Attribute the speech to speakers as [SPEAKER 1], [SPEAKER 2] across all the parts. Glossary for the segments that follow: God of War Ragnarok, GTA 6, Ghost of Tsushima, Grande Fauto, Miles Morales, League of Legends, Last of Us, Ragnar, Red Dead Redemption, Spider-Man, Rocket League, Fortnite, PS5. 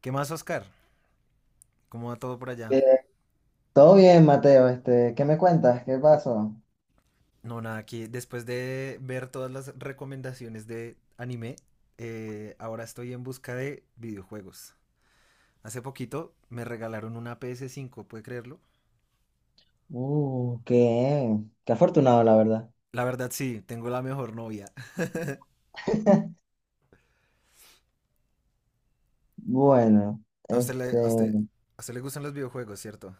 [SPEAKER 1] ¿Qué más, Oscar? ¿Cómo va todo por allá?
[SPEAKER 2] Eh, Todo bien, Mateo, ¿qué me cuentas? ¿Qué pasó?
[SPEAKER 1] No, nada, aquí después de ver todas las recomendaciones de anime, ahora estoy en busca de videojuegos. Hace poquito me regalaron una PS5, ¿puede creerlo?
[SPEAKER 2] Uh, qué, Qué afortunado, la verdad.
[SPEAKER 1] La verdad sí, tengo la mejor novia.
[SPEAKER 2] Bueno,
[SPEAKER 1] A usted le,
[SPEAKER 2] este,
[SPEAKER 1] a usted, a usted le gustan los videojuegos, ¿cierto?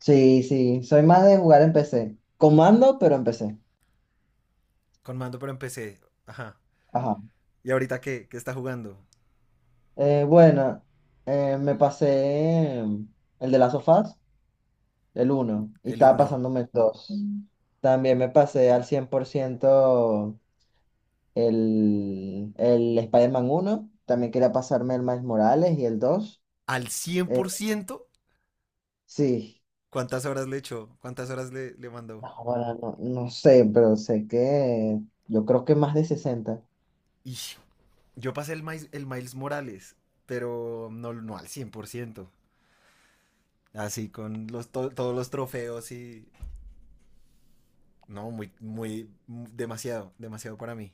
[SPEAKER 2] sí, sí, soy más de jugar en PC. Comando, pero en PC.
[SPEAKER 1] Con mando pero en empecé. Ajá.
[SPEAKER 2] Ajá.
[SPEAKER 1] ¿Y ahorita qué? ¿Qué está jugando?
[SPEAKER 2] Eh, bueno, Me pasé el de las sofás, el uno, y
[SPEAKER 1] El
[SPEAKER 2] estaba
[SPEAKER 1] uno.
[SPEAKER 2] pasándome el dos. También me pasé al 100% el Spider-Man 1. También quería pasarme el Miles Morales y el dos.
[SPEAKER 1] ¿Al cien
[SPEAKER 2] Eh,
[SPEAKER 1] por ciento?
[SPEAKER 2] sí.
[SPEAKER 1] ¿Cuántas horas le echó? ¿Cuántas horas le mandó?
[SPEAKER 2] Ahora no, no sé, pero sé que yo creo que más de sesenta.
[SPEAKER 1] Ix, yo pasé el Miles Morales, pero no al cien por ciento. Así con todos los trofeos y... No, muy, demasiado, demasiado para mí.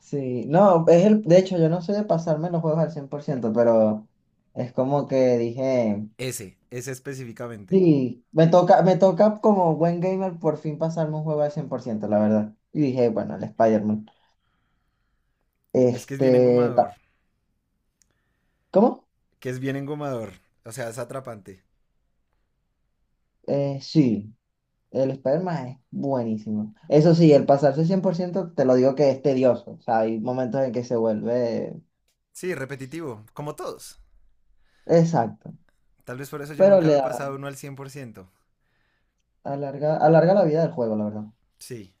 [SPEAKER 2] Sí, no, es el, de hecho yo no soy de pasarme los juegos al cien por ciento, pero es como que dije,
[SPEAKER 1] Ese específicamente.
[SPEAKER 2] sí, me toca como buen gamer por fin pasarme un juego al cien por ciento, la verdad. Y dije, bueno, el Spider-Man.
[SPEAKER 1] Es que es bien
[SPEAKER 2] Este,
[SPEAKER 1] engomador,
[SPEAKER 2] ta- ¿Cómo?
[SPEAKER 1] que es bien engomador. O sea, es atrapante.
[SPEAKER 2] Sí, el Spider-Man es buenísimo. Eso sí, el pasarse 100% te lo digo que es tedioso, o sea, hay momentos en que se vuelve...
[SPEAKER 1] Sí, repetitivo, como todos.
[SPEAKER 2] Exacto,
[SPEAKER 1] Tal vez por eso yo
[SPEAKER 2] pero
[SPEAKER 1] nunca
[SPEAKER 2] le
[SPEAKER 1] me he
[SPEAKER 2] da...
[SPEAKER 1] pasado uno al cien por ciento.
[SPEAKER 2] Alarga, alarga la vida del juego, la verdad.
[SPEAKER 1] Sí,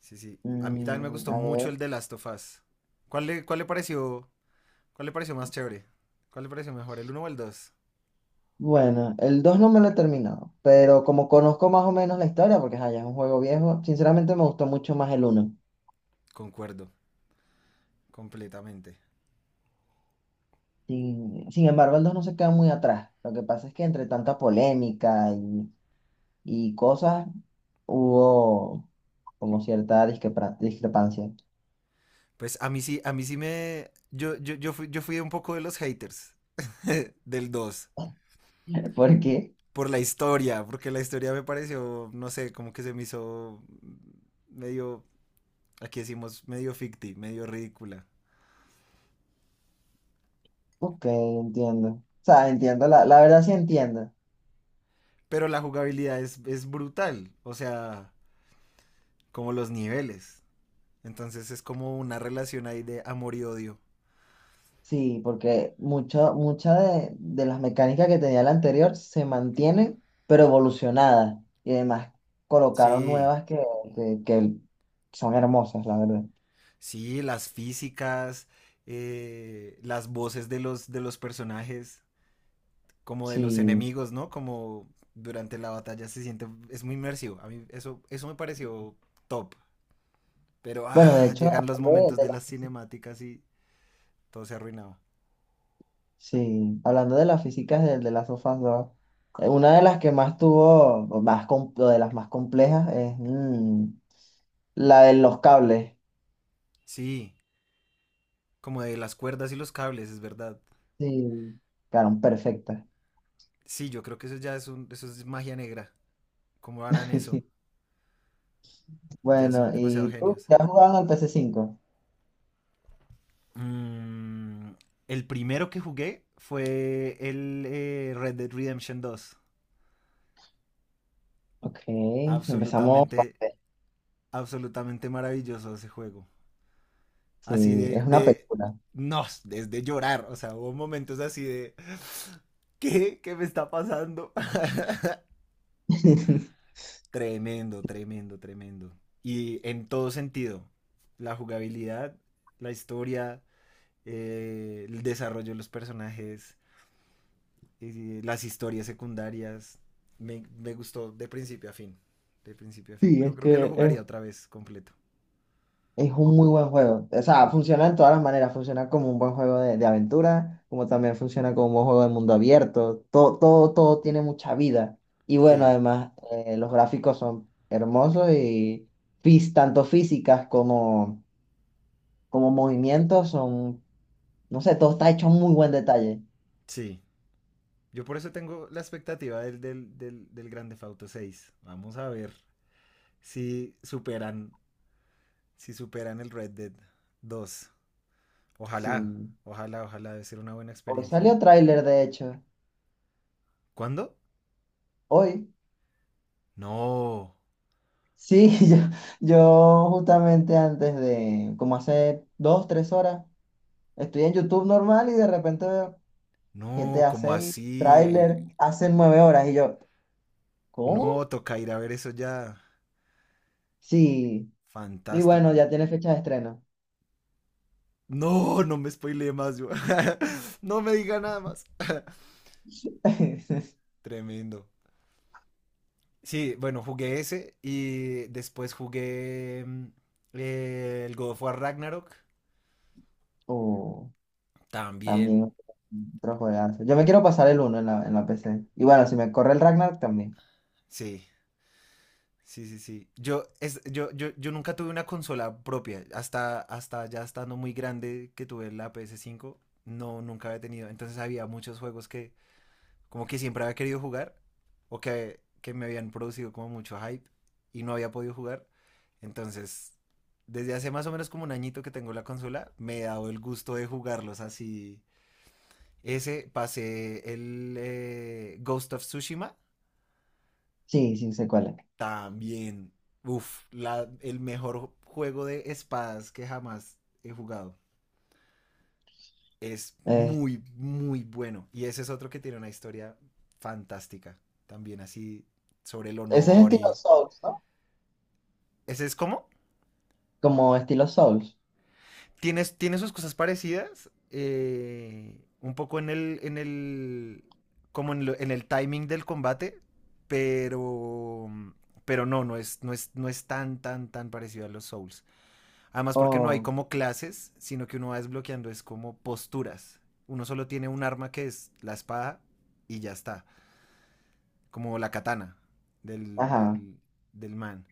[SPEAKER 1] sí, sí. A mí también me gustó
[SPEAKER 2] A
[SPEAKER 1] mucho el
[SPEAKER 2] ver.
[SPEAKER 1] de Last of Us. ¿Cuál le, cuál le pareció, ¿cuál le pareció más chévere? ¿Cuál le pareció mejor, el uno o el dos?
[SPEAKER 2] Bueno, el 2 no me lo he terminado, pero como conozco más o menos la historia, porque ajá, ya es un juego viejo, sinceramente me gustó mucho más el uno.
[SPEAKER 1] Concuerdo completamente.
[SPEAKER 2] Sin embargo, el 2 no se queda muy atrás. Lo que pasa es que entre tanta polémica y, y cosas, hubo como cierta discrepancia.
[SPEAKER 1] Pues a mí sí me... yo fui un poco de los haters del dos.
[SPEAKER 2] Porque,
[SPEAKER 1] Por la historia, porque la historia me pareció, no sé, como que se me hizo medio, aquí decimos, medio ficti, medio ridícula.
[SPEAKER 2] ok, entiendo. O sea, entiendo, la verdad sí entiendo.
[SPEAKER 1] Pero la jugabilidad es brutal, o sea, como los niveles. Entonces es como una relación ahí de amor y odio.
[SPEAKER 2] Sí, porque mucha de las mecánicas que tenía la anterior se mantienen, pero evolucionadas. Y además colocaron
[SPEAKER 1] Sí,
[SPEAKER 2] nuevas que son hermosas, la verdad.
[SPEAKER 1] sí, las físicas, las voces de de los personajes, como de los
[SPEAKER 2] Sí.
[SPEAKER 1] enemigos, ¿no? Como durante la batalla se siente, es muy inmersivo. A mí eso me pareció top. Pero
[SPEAKER 2] Bueno, de
[SPEAKER 1] ah,
[SPEAKER 2] hecho,
[SPEAKER 1] llegan los
[SPEAKER 2] hablando
[SPEAKER 1] momentos
[SPEAKER 2] de
[SPEAKER 1] de
[SPEAKER 2] las
[SPEAKER 1] las
[SPEAKER 2] físicas,
[SPEAKER 1] cinemáticas y todo se arruinaba.
[SPEAKER 2] sí, hablando de las físicas de las sofás 2, una de las que más tuvo, o de las más complejas es la de los cables.
[SPEAKER 1] Sí, como de las cuerdas y los cables, es verdad.
[SPEAKER 2] Sí, quedaron perfectas.
[SPEAKER 1] Sí, yo creo que eso ya es eso es magia negra. ¿Cómo harán eso? Ya
[SPEAKER 2] Bueno,
[SPEAKER 1] son demasiado
[SPEAKER 2] ¿y tú?
[SPEAKER 1] genios.
[SPEAKER 2] ¿Ya has jugado al P C cinco?
[SPEAKER 1] Mm, el primero que jugué fue el Red Dead Redemption dos.
[SPEAKER 2] Ok, empezamos
[SPEAKER 1] Absolutamente,
[SPEAKER 2] fuerte.
[SPEAKER 1] absolutamente maravilloso ese juego. así
[SPEAKER 2] Sí,
[SPEAKER 1] de,
[SPEAKER 2] es una
[SPEAKER 1] de,
[SPEAKER 2] película.
[SPEAKER 1] no, desde llorar, o sea, hubo momentos así de, ¿qué? ¿Qué me está pasando? Tremendo, tremendo, tremendo. Y en todo sentido, la jugabilidad, la historia, el desarrollo de los personajes, las historias secundarias, me gustó de principio a fin, de principio a fin.
[SPEAKER 2] Sí,
[SPEAKER 1] Yo
[SPEAKER 2] es
[SPEAKER 1] creo que lo
[SPEAKER 2] que
[SPEAKER 1] jugaría otra vez completo.
[SPEAKER 2] es un muy buen juego. O sea, funciona en todas las maneras. Funciona como un buen juego de aventura, como también funciona como un buen juego de mundo abierto. Todo, todo, todo tiene mucha vida. Y bueno,
[SPEAKER 1] Sí,
[SPEAKER 2] además, los gráficos son hermosos y tanto físicas como, como movimientos son, no sé, todo está hecho en muy buen detalle.
[SPEAKER 1] sí. Yo por eso tengo la expectativa del Grande Fauto seis. Vamos a ver si superan, si superan el Red Dead dos. Ojalá,
[SPEAKER 2] Sí.
[SPEAKER 1] ojalá, ojalá, debe ser una buena
[SPEAKER 2] Hoy
[SPEAKER 1] experiencia.
[SPEAKER 2] salió tráiler, de hecho.
[SPEAKER 1] ¿Cuándo?
[SPEAKER 2] Hoy.
[SPEAKER 1] No,
[SPEAKER 2] Sí, yo justamente antes de, como hace dos, tres horas, estoy en YouTube normal y de repente veo
[SPEAKER 1] no,
[SPEAKER 2] GTA
[SPEAKER 1] como
[SPEAKER 2] 6, tráiler,
[SPEAKER 1] así?
[SPEAKER 2] hace nueve horas, y yo,
[SPEAKER 1] No,
[SPEAKER 2] ¿cómo?
[SPEAKER 1] toca ir a ver eso ya.
[SPEAKER 2] Sí, y bueno,
[SPEAKER 1] Fantástico.
[SPEAKER 2] ya tiene fecha de estreno.
[SPEAKER 1] No, no me spoileé más, yo. No me diga nada más. Tremendo. Sí, bueno, jugué ese y después jugué el God of War Ragnarok.
[SPEAKER 2] Uh,
[SPEAKER 1] También,
[SPEAKER 2] también otro juegazo. Yo me quiero pasar el uno en en la PC. Y bueno, si me corre el Ragnar también.
[SPEAKER 1] sí. Sí, sí, sí. Yo, es, yo nunca tuve una consola propia. Hasta, hasta ya estando muy grande que tuve la ps cinco, no, nunca había tenido. Entonces había muchos juegos que como que siempre había querido jugar que me habían producido como mucho hype y no había podido jugar. Entonces, desde hace más o menos como un añito que tengo la consola, me he dado el gusto de jugarlos así. Ese pasé el Ghost of Tsushima
[SPEAKER 2] Sí, sí, sé cuál es.
[SPEAKER 1] también, uff, el mejor juego de espadas que jamás he jugado. Es
[SPEAKER 2] Eh,
[SPEAKER 1] muy, muy bueno. Y ese es otro que tiene una historia fantástica. También así sobre el
[SPEAKER 2] ¿Ese es
[SPEAKER 1] honor
[SPEAKER 2] estilo
[SPEAKER 1] y...
[SPEAKER 2] Souls, no?
[SPEAKER 1] Ese es como...
[SPEAKER 2] Como estilo Souls.
[SPEAKER 1] Tiene, tiene sus cosas parecidas. Un poco en el... En el como en el timing del combate. Pero... Pero no es tan, tan, tan parecido a los Souls. Además porque no hay
[SPEAKER 2] Oh,
[SPEAKER 1] como clases, sino que uno va desbloqueando es como posturas. Uno solo tiene un arma que es la espada y ya está, como la katana del,
[SPEAKER 2] ajá.
[SPEAKER 1] del, del man.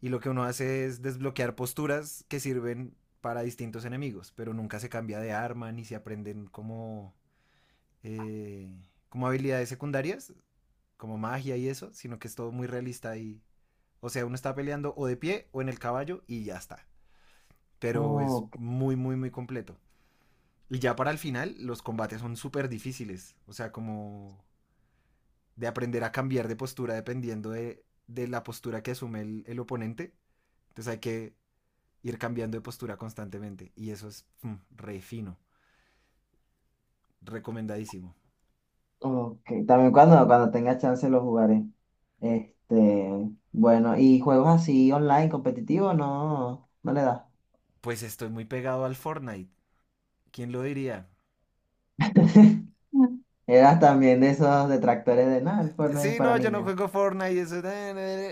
[SPEAKER 1] Y lo que uno hace es desbloquear posturas que sirven para distintos enemigos, pero nunca se cambia de arma ni se aprenden como, eh, como habilidades secundarias, como magia y eso, sino que es todo muy realista y, o sea, uno está peleando o de pie o en el caballo y ya está. Pero es
[SPEAKER 2] Oh,
[SPEAKER 1] muy, muy, muy completo. Y ya para el final, los combates son súper difíciles. O sea, como de aprender a cambiar de postura dependiendo de la postura que asume oponente. Entonces hay que ir cambiando de postura constantemente. Y eso es re fino. Recomendadísimo.
[SPEAKER 2] ok, también cuando, cuando tenga chance lo jugaré. Este, bueno, ¿y juegos así online, competitivos? No, no le das.
[SPEAKER 1] Pues estoy muy pegado al Fortnite. ¿Quién lo diría?
[SPEAKER 2] Mm. Eras también de esos detractores de nada, el Fortnite es
[SPEAKER 1] Sí,
[SPEAKER 2] para
[SPEAKER 1] no, yo no
[SPEAKER 2] niñas.
[SPEAKER 1] juego Fortnite.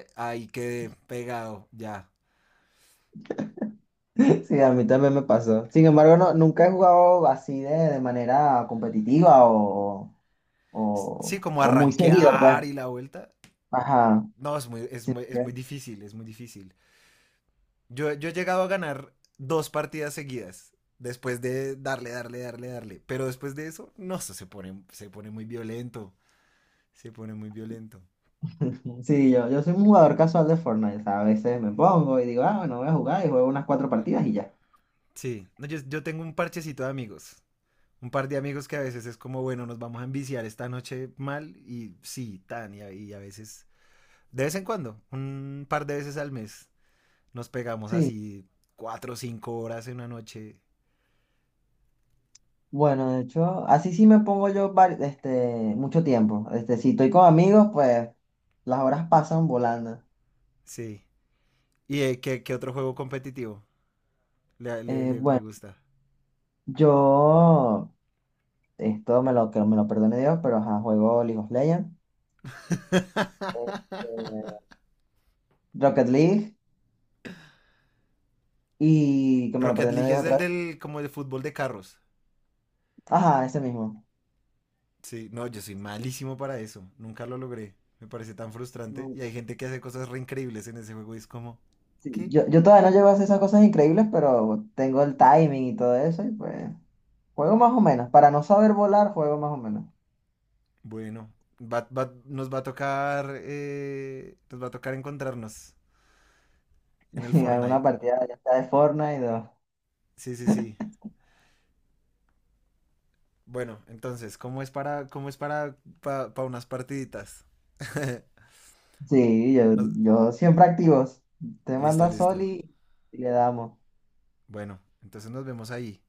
[SPEAKER 1] Eso... Ahí quedé pegado, ya.
[SPEAKER 2] Sí, a mí también me pasó. Sin embargo, no, nunca he jugado así de manera competitiva
[SPEAKER 1] Sí, como
[SPEAKER 2] o muy seguido,
[SPEAKER 1] arranquear
[SPEAKER 2] pues.
[SPEAKER 1] y la vuelta.
[SPEAKER 2] Ajá.
[SPEAKER 1] No, es muy,
[SPEAKER 2] Sí,
[SPEAKER 1] es
[SPEAKER 2] ok.
[SPEAKER 1] muy difícil, es muy difícil. Yo he llegado a ganar dos partidas seguidas. Después de darle, darle, darle, darle. Pero después de eso, no, eso se pone muy violento. Se pone muy violento.
[SPEAKER 2] Sí, yo soy un jugador casual de Fortnite. O sea, a veces me pongo y digo, ah, bueno, voy a jugar y juego unas cuatro partidas y ya.
[SPEAKER 1] Sí, no, yo tengo un parchecito de amigos. Un par de amigos que a veces es como, bueno, nos vamos a enviciar esta noche mal. Y sí, tan, y a veces, de vez en cuando, un par de veces al mes, nos pegamos
[SPEAKER 2] Sí.
[SPEAKER 1] así cuatro o cinco horas en una noche.
[SPEAKER 2] Bueno, de hecho, así sí me pongo yo mucho tiempo. Este, si estoy con amigos, pues las horas pasan volando.
[SPEAKER 1] Sí. ¿Qué, qué otro juego competitivo
[SPEAKER 2] Eh,
[SPEAKER 1] le
[SPEAKER 2] bueno,
[SPEAKER 1] gusta?
[SPEAKER 2] yo, esto me lo, que me lo perdone Dios, pero ajá, juego League of Legends, eh, Rocket League, y que me lo
[SPEAKER 1] Rocket
[SPEAKER 2] perdone
[SPEAKER 1] League
[SPEAKER 2] Dios
[SPEAKER 1] es el
[SPEAKER 2] otra vez.
[SPEAKER 1] del como de fútbol de carros.
[SPEAKER 2] Ajá, ese mismo.
[SPEAKER 1] Sí, no, yo soy malísimo para eso. Nunca lo logré. Me parece tan frustrante.
[SPEAKER 2] No,
[SPEAKER 1] Y hay gente que hace cosas re increíbles en ese juego y es como,
[SPEAKER 2] sí,
[SPEAKER 1] ¿qué?
[SPEAKER 2] yo todavía no llego a hacer esas cosas increíbles, pero tengo el timing y todo eso, y pues juego más o menos. Para no saber volar, juego más o menos.
[SPEAKER 1] Bueno, nos va a tocar, nos va a tocar encontrarnos en el
[SPEAKER 2] En alguna
[SPEAKER 1] Fortnite.
[SPEAKER 2] partida ya está de Fortnite.
[SPEAKER 1] Sí, sí, sí. Bueno, entonces, ¿cómo es para, pa unas partiditas?
[SPEAKER 2] Sí,
[SPEAKER 1] Nos-.
[SPEAKER 2] yo siempre activos. Te
[SPEAKER 1] Listo,
[SPEAKER 2] manda Sol,
[SPEAKER 1] listo.
[SPEAKER 2] y le damos.
[SPEAKER 1] Bueno, entonces nos vemos ahí.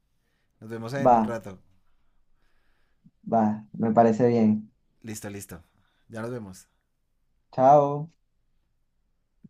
[SPEAKER 1] Nos vemos ahí en
[SPEAKER 2] Va,
[SPEAKER 1] un rato.
[SPEAKER 2] va, me parece bien.
[SPEAKER 1] Listo, listo. Ya nos vemos.
[SPEAKER 2] Chao.